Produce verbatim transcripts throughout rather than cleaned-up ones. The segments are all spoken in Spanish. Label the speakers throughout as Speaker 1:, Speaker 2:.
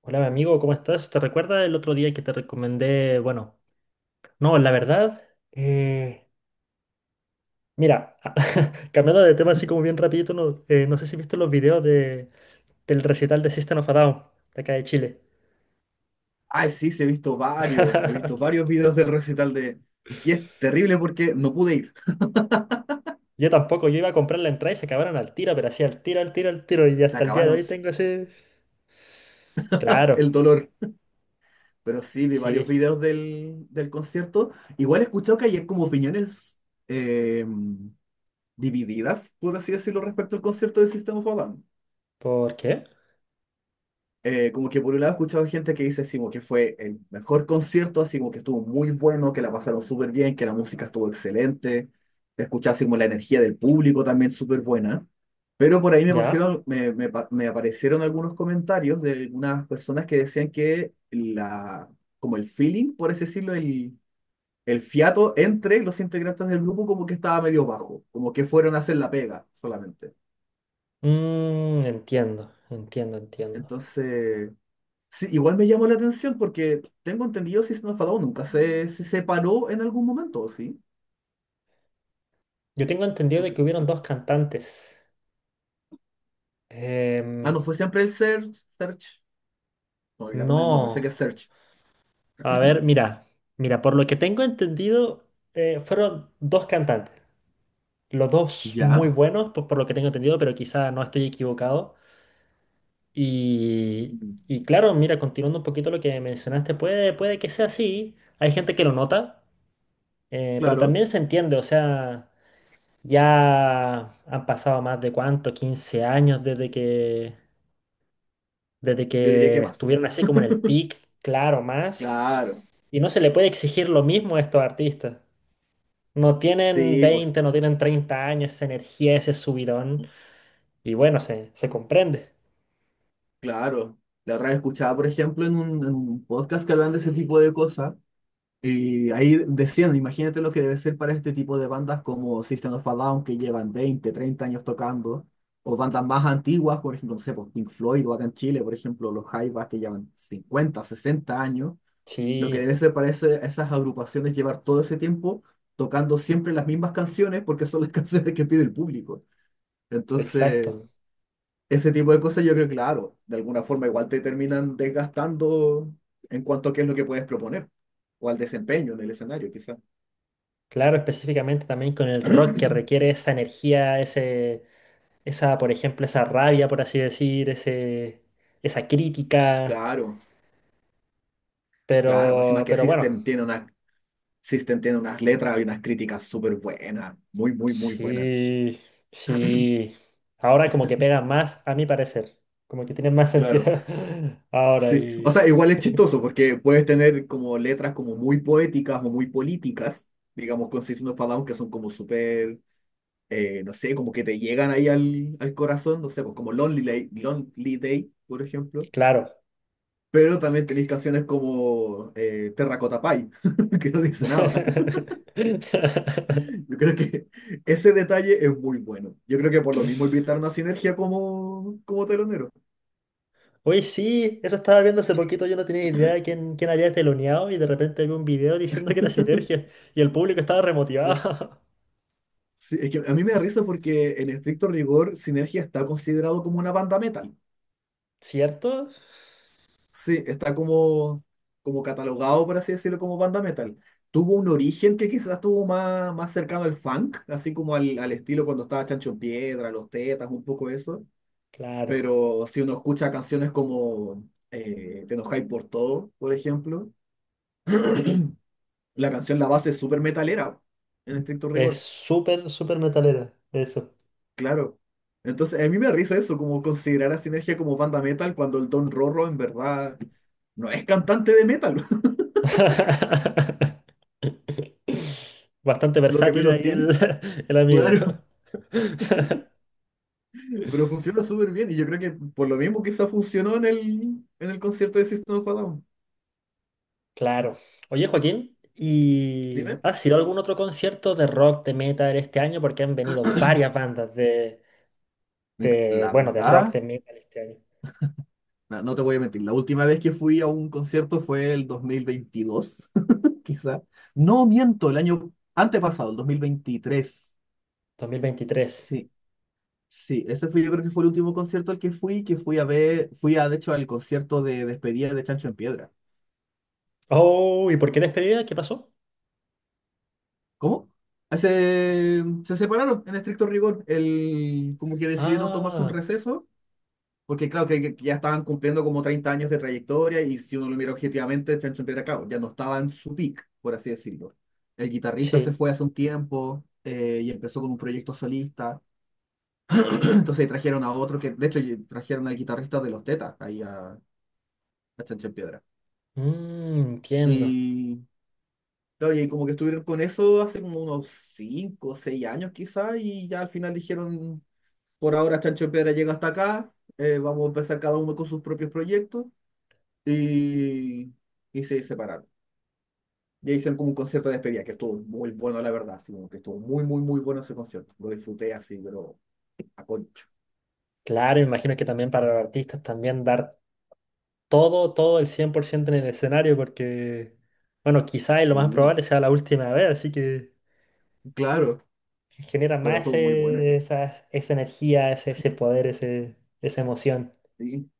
Speaker 1: Hola, mi amigo, ¿cómo estás? ¿Te recuerdas el otro día que te recomendé? Bueno, no, la verdad, eh, mira, cambiando de tema así como bien rapidito, no, eh, no sé si viste los videos de, del recital de System of a Down, de acá de Chile.
Speaker 2: Ay, sí, sí, he visto varios, he visto varios videos del recital de... Y es terrible porque no pude ir,
Speaker 1: Yo tampoco, yo iba a comprar la entrada y se acabaron al tiro, pero así al tiro, al tiro, al tiro, y
Speaker 2: se
Speaker 1: hasta el día de
Speaker 2: acabaron
Speaker 1: hoy tengo ese... Claro,
Speaker 2: el dolor. Pero sí, vi varios
Speaker 1: sí.
Speaker 2: videos del, del concierto. Igual he escuchado que hay como opiniones eh, divididas, por así decirlo, respecto al concierto de System of a Down.
Speaker 1: ¿Por qué?
Speaker 2: eh, como que por un lado he escuchado gente que dice así como que fue el mejor concierto, así como que estuvo muy bueno, que la pasaron súper bien, que la música estuvo excelente, te escuchaba así como la energía del público también súper buena. Pero por ahí me
Speaker 1: Ya.
Speaker 2: pusieron, me, me pa- me aparecieron algunos comentarios de algunas personas que decían que la, como el feeling, por así decirlo, el, el fiato entre los integrantes del grupo como que estaba medio bajo, como que fueron a hacer la pega solamente.
Speaker 1: Mm, entiendo, entiendo, entiendo.
Speaker 2: Entonces... Sí, igual me llamó la atención porque tengo entendido System of a Down nunca se, se separó en algún momento, ¿sí?
Speaker 1: Yo tengo entendido
Speaker 2: No
Speaker 1: de
Speaker 2: sé
Speaker 1: que
Speaker 2: si
Speaker 1: hubieron
Speaker 2: fue.
Speaker 1: dos cantantes.
Speaker 2: Ah,
Speaker 1: Em,
Speaker 2: no, fue siempre el Search. Search. No, olvidé cómo es el nombre, sé
Speaker 1: No,
Speaker 2: que es Search.
Speaker 1: a ver, mira, mira, por lo que tengo entendido, eh, fueron dos cantantes, los dos muy
Speaker 2: Ya.
Speaker 1: buenos, por, por lo que tengo entendido, pero quizá no estoy equivocado. Y,
Speaker 2: Ujú.
Speaker 1: y claro, mira, continuando un poquito lo que mencionaste, puede, puede que sea así, hay gente que lo nota, eh, pero
Speaker 2: Claro.
Speaker 1: también se entiende, o sea, ya han pasado más de cuánto, quince años desde que, desde
Speaker 2: Yo diría que
Speaker 1: que
Speaker 2: más.
Speaker 1: estuvieron así como en el peak, claro, más,
Speaker 2: Claro.
Speaker 1: y no se le puede exigir lo mismo a estos artistas. No tienen
Speaker 2: Sí,
Speaker 1: veinte
Speaker 2: pues,
Speaker 1: no tienen treinta años, esa energía, ese subidón. Y bueno, se, se comprende.
Speaker 2: claro. La otra vez escuchaba, por ejemplo, en un, en un podcast que hablan de ese tipo de cosas. Y ahí decían, imagínate lo que debe ser para este tipo de bandas como System of a Down, que llevan veinte treinta años tocando, o bandas más antiguas, por ejemplo, no sé, por Pink Floyd o acá en Chile, por ejemplo, los Jaivas que llevan cincuenta sesenta años, lo que
Speaker 1: Sí,
Speaker 2: debe ser para ese- esas agrupaciones llevar todo ese tiempo tocando siempre las mismas canciones porque son las canciones que pide el público. Entonces,
Speaker 1: exacto.
Speaker 2: ese tipo de cosas yo creo que, claro, de alguna forma igual te terminan desgastando en cuanto a qué es lo que puedes proponer o al desempeño en el escenario, quizás.
Speaker 1: Claro, específicamente también con el rock que requiere esa energía, ese, esa, por ejemplo, esa rabia, por así decir, ese, esa crítica.
Speaker 2: Claro, claro. Encima
Speaker 1: Pero,
Speaker 2: que
Speaker 1: pero bueno,
Speaker 2: System tiene una, System tiene unas letras y unas críticas súper buenas. Muy, muy, muy buenas.
Speaker 1: sí, sí. Ahora como que pega más, a mi parecer. Como que tiene más
Speaker 2: Claro,
Speaker 1: sentido ahora
Speaker 2: sí. O
Speaker 1: y...
Speaker 2: sea, igual es chistoso porque puedes tener como letras como muy poéticas o muy políticas, digamos, con System of a Down, que son como súper, eh, no sé, como que te llegan ahí al, al corazón, no sé, pues como Lonely Day, Lonely Day, por ejemplo.
Speaker 1: Claro.
Speaker 2: Pero también tenéis canciones como eh, Terracotta Pie, que no dice nada. Yo creo que ese detalle es muy bueno. Yo creo que por lo mismo invitaron a Sinergia como, como telonero.
Speaker 1: Oye, sí, eso estaba viendo hace poquito, yo no tenía idea de quién, quién había teloneado y de repente vi un video diciendo que era Sinergia y el público estaba
Speaker 2: Sí.
Speaker 1: remotivado.
Speaker 2: Sí, es que a mí me da risa porque en estricto rigor Sinergia está considerado como una banda metal.
Speaker 1: ¿Cierto?
Speaker 2: Sí, está como, como catalogado, por así decirlo, como banda metal. Tuvo un origen que quizás tuvo más, más cercano al funk, así como al, al estilo cuando estaba Chancho en Piedra, Los Tetas, un poco eso.
Speaker 1: Claro.
Speaker 2: Pero si uno escucha canciones como eh, Te enojáis por todo, por ejemplo. La canción, la base es súper metalera, en estricto
Speaker 1: Es
Speaker 2: rigor,
Speaker 1: súper, súper metalera, eso.
Speaker 2: claro. Entonces, a mí me da risa eso, como considerar a Sinergia como banda metal cuando el Don Rorro en verdad no es cantante de metal,
Speaker 1: Bastante
Speaker 2: lo que
Speaker 1: versátil
Speaker 2: menos
Speaker 1: ahí
Speaker 2: tiene.
Speaker 1: el, el amigo.
Speaker 2: Claro. Pero funciona súper bien y yo creo que por lo mismo quizá funcionó en el, en el concierto de System of a Down.
Speaker 1: Claro. Oye, Joaquín, ¿y
Speaker 2: Dime.
Speaker 1: has ido a algún otro concierto de rock, de metal este año? Porque han venido varias bandas de,
Speaker 2: Mira,
Speaker 1: de,
Speaker 2: la
Speaker 1: bueno, de rock,
Speaker 2: verdad,
Speaker 1: de metal este año.
Speaker 2: no, no te voy a mentir, la última vez que fui a un concierto fue el dos mil veintidós quizá. No miento, el año antepasado, el dos mil veintitrés.
Speaker 1: dos mil veintitrés
Speaker 2: Sí. Sí, ese fue, yo creo que fue el último concierto al que fui, que fui a ver, fui a, de hecho, al concierto de despedida de Chancho en Piedra.
Speaker 1: Oh, ¿y por qué despedida? ¿Qué pasó?
Speaker 2: ¿Cómo? Se, se separaron en estricto rigor, el, como que decidieron tomarse un
Speaker 1: Ah,
Speaker 2: receso, porque claro que, que ya estaban cumpliendo como treinta años de trayectoria y si uno lo mira objetivamente, Chancho en Piedra, claro, ya no estaba en su peak, por así decirlo. El guitarrista se
Speaker 1: sí.
Speaker 2: fue hace un tiempo eh, y empezó con un proyecto solista. Entonces trajeron a otro que, de hecho, trajeron al guitarrista de Los Tetas ahí a, a Chancho en Piedra.
Speaker 1: Mm, entiendo.
Speaker 2: Y claro, y como que estuvieron con eso hace como unos cinco o seis años quizás, y ya al final dijeron, por ahora Chancho en Piedra llega hasta acá, eh, vamos a empezar cada uno con sus propios proyectos, y, y se separaron. Y ahí hicieron como un concierto de despedida, que estuvo muy bueno, la verdad, así como que estuvo muy, muy, muy bueno ese concierto. Lo disfruté así, pero a concho.
Speaker 1: Claro, me imagino que también para los artistas también dar todo, todo el cien por ciento en el escenario porque, bueno, quizá y lo más
Speaker 2: Sí,
Speaker 1: probable sea la última vez, así que
Speaker 2: claro,
Speaker 1: genera
Speaker 2: pero
Speaker 1: más
Speaker 2: estuvo muy bueno.
Speaker 1: ese- esa, esa energía, ese, ese poder, ese, esa emoción.
Speaker 2: Sí.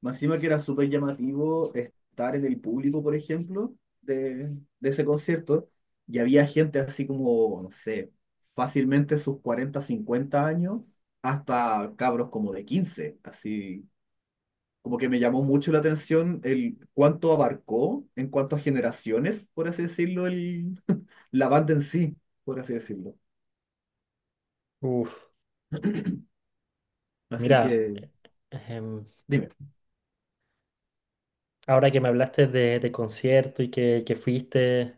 Speaker 2: Más encima que era súper llamativo estar en el público, por ejemplo, de, de ese concierto, y había gente así como, no sé, fácilmente sus cuarenta cincuenta años, hasta cabros como de quince así. Como que me llamó mucho la atención el cuánto abarcó en cuanto a generaciones, por así decirlo, el, la banda en sí, por así decirlo.
Speaker 1: Uf,
Speaker 2: Así
Speaker 1: mira,
Speaker 2: que,
Speaker 1: em,
Speaker 2: dime,
Speaker 1: Ahora que me hablaste de, de concierto y que, que fuiste,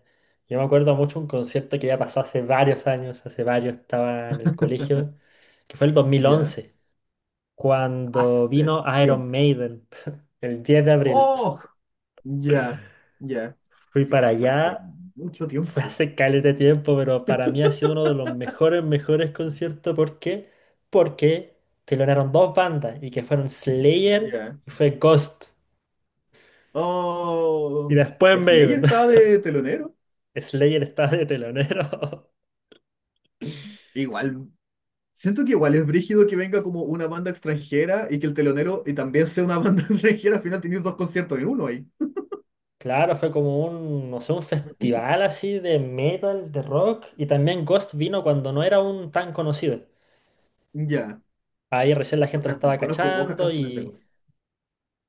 Speaker 1: yo me acuerdo mucho un concierto que ya pasó hace varios años, hace varios estaba en el colegio, que fue el
Speaker 2: ya,
Speaker 1: dos mil once, cuando
Speaker 2: hace
Speaker 1: vino Iron
Speaker 2: tiempo.
Speaker 1: Maiden, el diez de abril.
Speaker 2: ¡Oh! Ya, ya.
Speaker 1: Fui
Speaker 2: Sí,
Speaker 1: para
Speaker 2: eso fue hace
Speaker 1: allá,
Speaker 2: mucho
Speaker 1: fue
Speaker 2: tiempo.
Speaker 1: hace caleta de tiempo, pero para mí ha sido uno de los mejores, mejores conciertos. ¿Por qué? Porque telonearon dos bandas y que fueron Slayer
Speaker 2: Ya.
Speaker 1: y fue Ghost. Y
Speaker 2: Oh,
Speaker 1: después
Speaker 2: Slayer
Speaker 1: Maiden.
Speaker 2: estaba de telonero.
Speaker 1: Slayer estaba de telonero.
Speaker 2: Igual, siento que igual es brígido que venga como una banda extranjera y que el telonero y también sea una banda extranjera. Al final tienes dos conciertos en uno ahí.
Speaker 1: Claro, fue como un, no sé, un festival así de metal, de rock, y también Ghost vino cuando no era un tan conocido.
Speaker 2: Ya.
Speaker 1: Ahí recién la
Speaker 2: O
Speaker 1: gente lo
Speaker 2: sea,
Speaker 1: estaba
Speaker 2: conozco pocas
Speaker 1: cachando
Speaker 2: canciones de
Speaker 1: y...
Speaker 2: voz.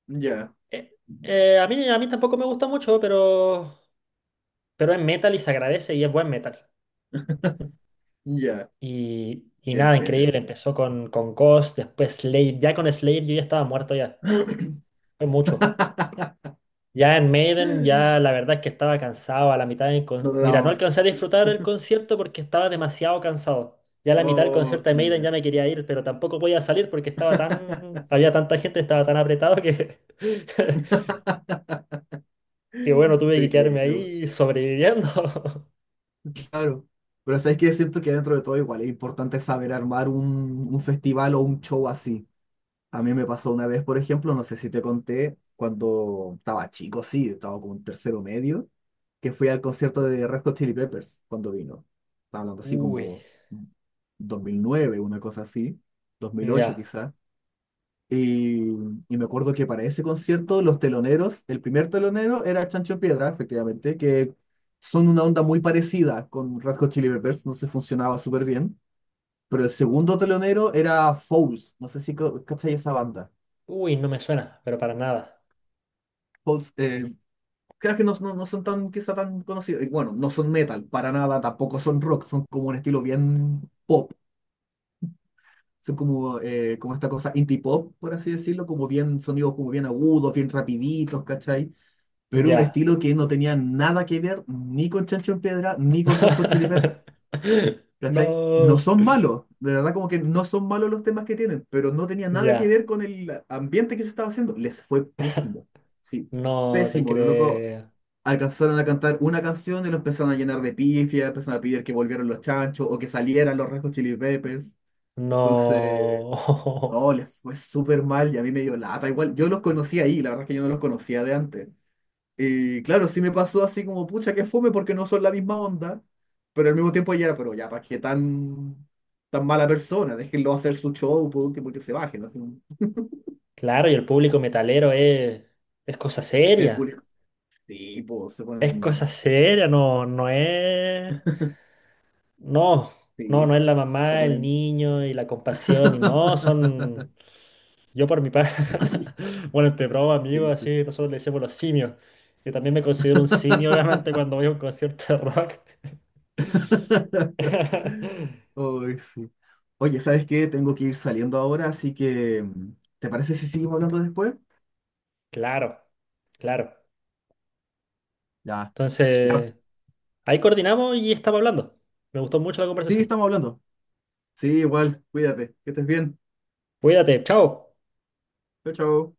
Speaker 2: Ya,
Speaker 1: eh, eh, a mí, a mí tampoco me gusta mucho, pero, pero es metal y se agradece y es buen metal.
Speaker 2: ya.
Speaker 1: Y, y
Speaker 2: Qué
Speaker 1: nada,
Speaker 2: entrete.
Speaker 1: increíble, empezó con, con Ghost, después Slade, ya con Slade yo ya estaba muerto ya, fue mucho. Ya en Maiden, ya la verdad es que estaba cansado a la mitad del
Speaker 2: No
Speaker 1: con-
Speaker 2: te
Speaker 1: Mira,
Speaker 2: daba
Speaker 1: no
Speaker 2: más.
Speaker 1: alcancé a disfrutar el concierto porque estaba demasiado cansado. Ya a la mitad del
Speaker 2: Oh,
Speaker 1: concierto de Maiden ya
Speaker 2: ya.
Speaker 1: me quería ir, pero tampoco podía salir porque estaba tan... Había tanta gente, estaba tan apretado que... que bueno, tuve que
Speaker 2: Te
Speaker 1: quedarme
Speaker 2: creo.
Speaker 1: ahí sobreviviendo.
Speaker 2: Claro, pero sabes que siento que dentro de todo igual es importante saber armar un, un festival o un show así. A mí me pasó una vez, por ejemplo, no sé si te conté, cuando estaba chico, sí, estaba como en tercero medio, que fui al concierto de Red Hot Chili Peppers cuando vino. Estaba hablando así
Speaker 1: Uy,
Speaker 2: como dos mil nueve, una cosa así, dos mil ocho,
Speaker 1: ya.
Speaker 2: quizás. Y, y me acuerdo que para ese concierto los teloneros, el primer telonero era Chancho Piedra, efectivamente, que son una onda muy parecida con Red Hot Chili Peppers, no se funcionaba súper bien. Pero el segundo telonero era Fouls, no sé si co- cachai esa banda.
Speaker 1: Uy, no me suena, pero para nada.
Speaker 2: Fouls, eh, creo que no, no, no son tan, quizá tan conocidos. Y bueno, no son metal para nada, tampoco son rock, son como un estilo bien pop. Son como, eh, como esta cosa indie pop, por así decirlo, como bien sonidos como bien agudos, bien rapiditos, ¿cachai? Pero un
Speaker 1: Ya.
Speaker 2: estilo que no tenía nada que ver ni con Chancho en Piedra ni con Red Hot Chili Peppers. ¿Cachai? No
Speaker 1: No.
Speaker 2: son malos, de verdad como que no son malos los temas que tienen, pero no tenía nada que
Speaker 1: Ya.
Speaker 2: ver con el ambiente que se estaba haciendo. Les fue pésimo, sí,
Speaker 1: No te
Speaker 2: pésimo. Los locos
Speaker 1: creo.
Speaker 2: alcanzaron a cantar una canción y lo empezaron a llenar de pifias, empezaron a pedir que volvieran los chanchos o que salieran los Red Hot Chili Peppers. Entonces,
Speaker 1: No.
Speaker 2: no, les fue súper mal y a mí me dio lata. Igual, yo los conocí ahí, la verdad es que yo no los conocía de antes. Y claro, sí me pasó así como, pucha, que fome porque no son la misma onda, pero al mismo tiempo ya era, pero ya, ¿para qué tan, tan mala persona? Déjenlo hacer su show, por último, que se bajen. Así,
Speaker 1: Claro, y el público metalero es, es cosa
Speaker 2: el
Speaker 1: seria.
Speaker 2: público, sí, pues, se
Speaker 1: Es
Speaker 2: ponen,
Speaker 1: cosa seria, no, no es. No,
Speaker 2: sí,
Speaker 1: no, no es
Speaker 2: es-
Speaker 1: la
Speaker 2: se
Speaker 1: mamá, el
Speaker 2: ponen,
Speaker 1: niño y la compasión, y no, son. Yo por mi parte. Bueno, este broma, amigo,
Speaker 2: sí, sí.
Speaker 1: así nosotros le decimos los simios. Yo también me considero un simio, obviamente, cuando voy a un concierto de rock.
Speaker 2: Ay, sí. Oye, ¿sabes qué? Tengo que ir saliendo ahora, así que, ¿te parece si seguimos hablando después?
Speaker 1: Claro, claro.
Speaker 2: Ya, ya.
Speaker 1: Entonces, ahí coordinamos y estamos hablando. Me gustó mucho la
Speaker 2: Sí,
Speaker 1: conversación.
Speaker 2: estamos hablando. Sí, igual, cuídate, que estés bien.
Speaker 1: Cuídate, chao.
Speaker 2: Chau, chau.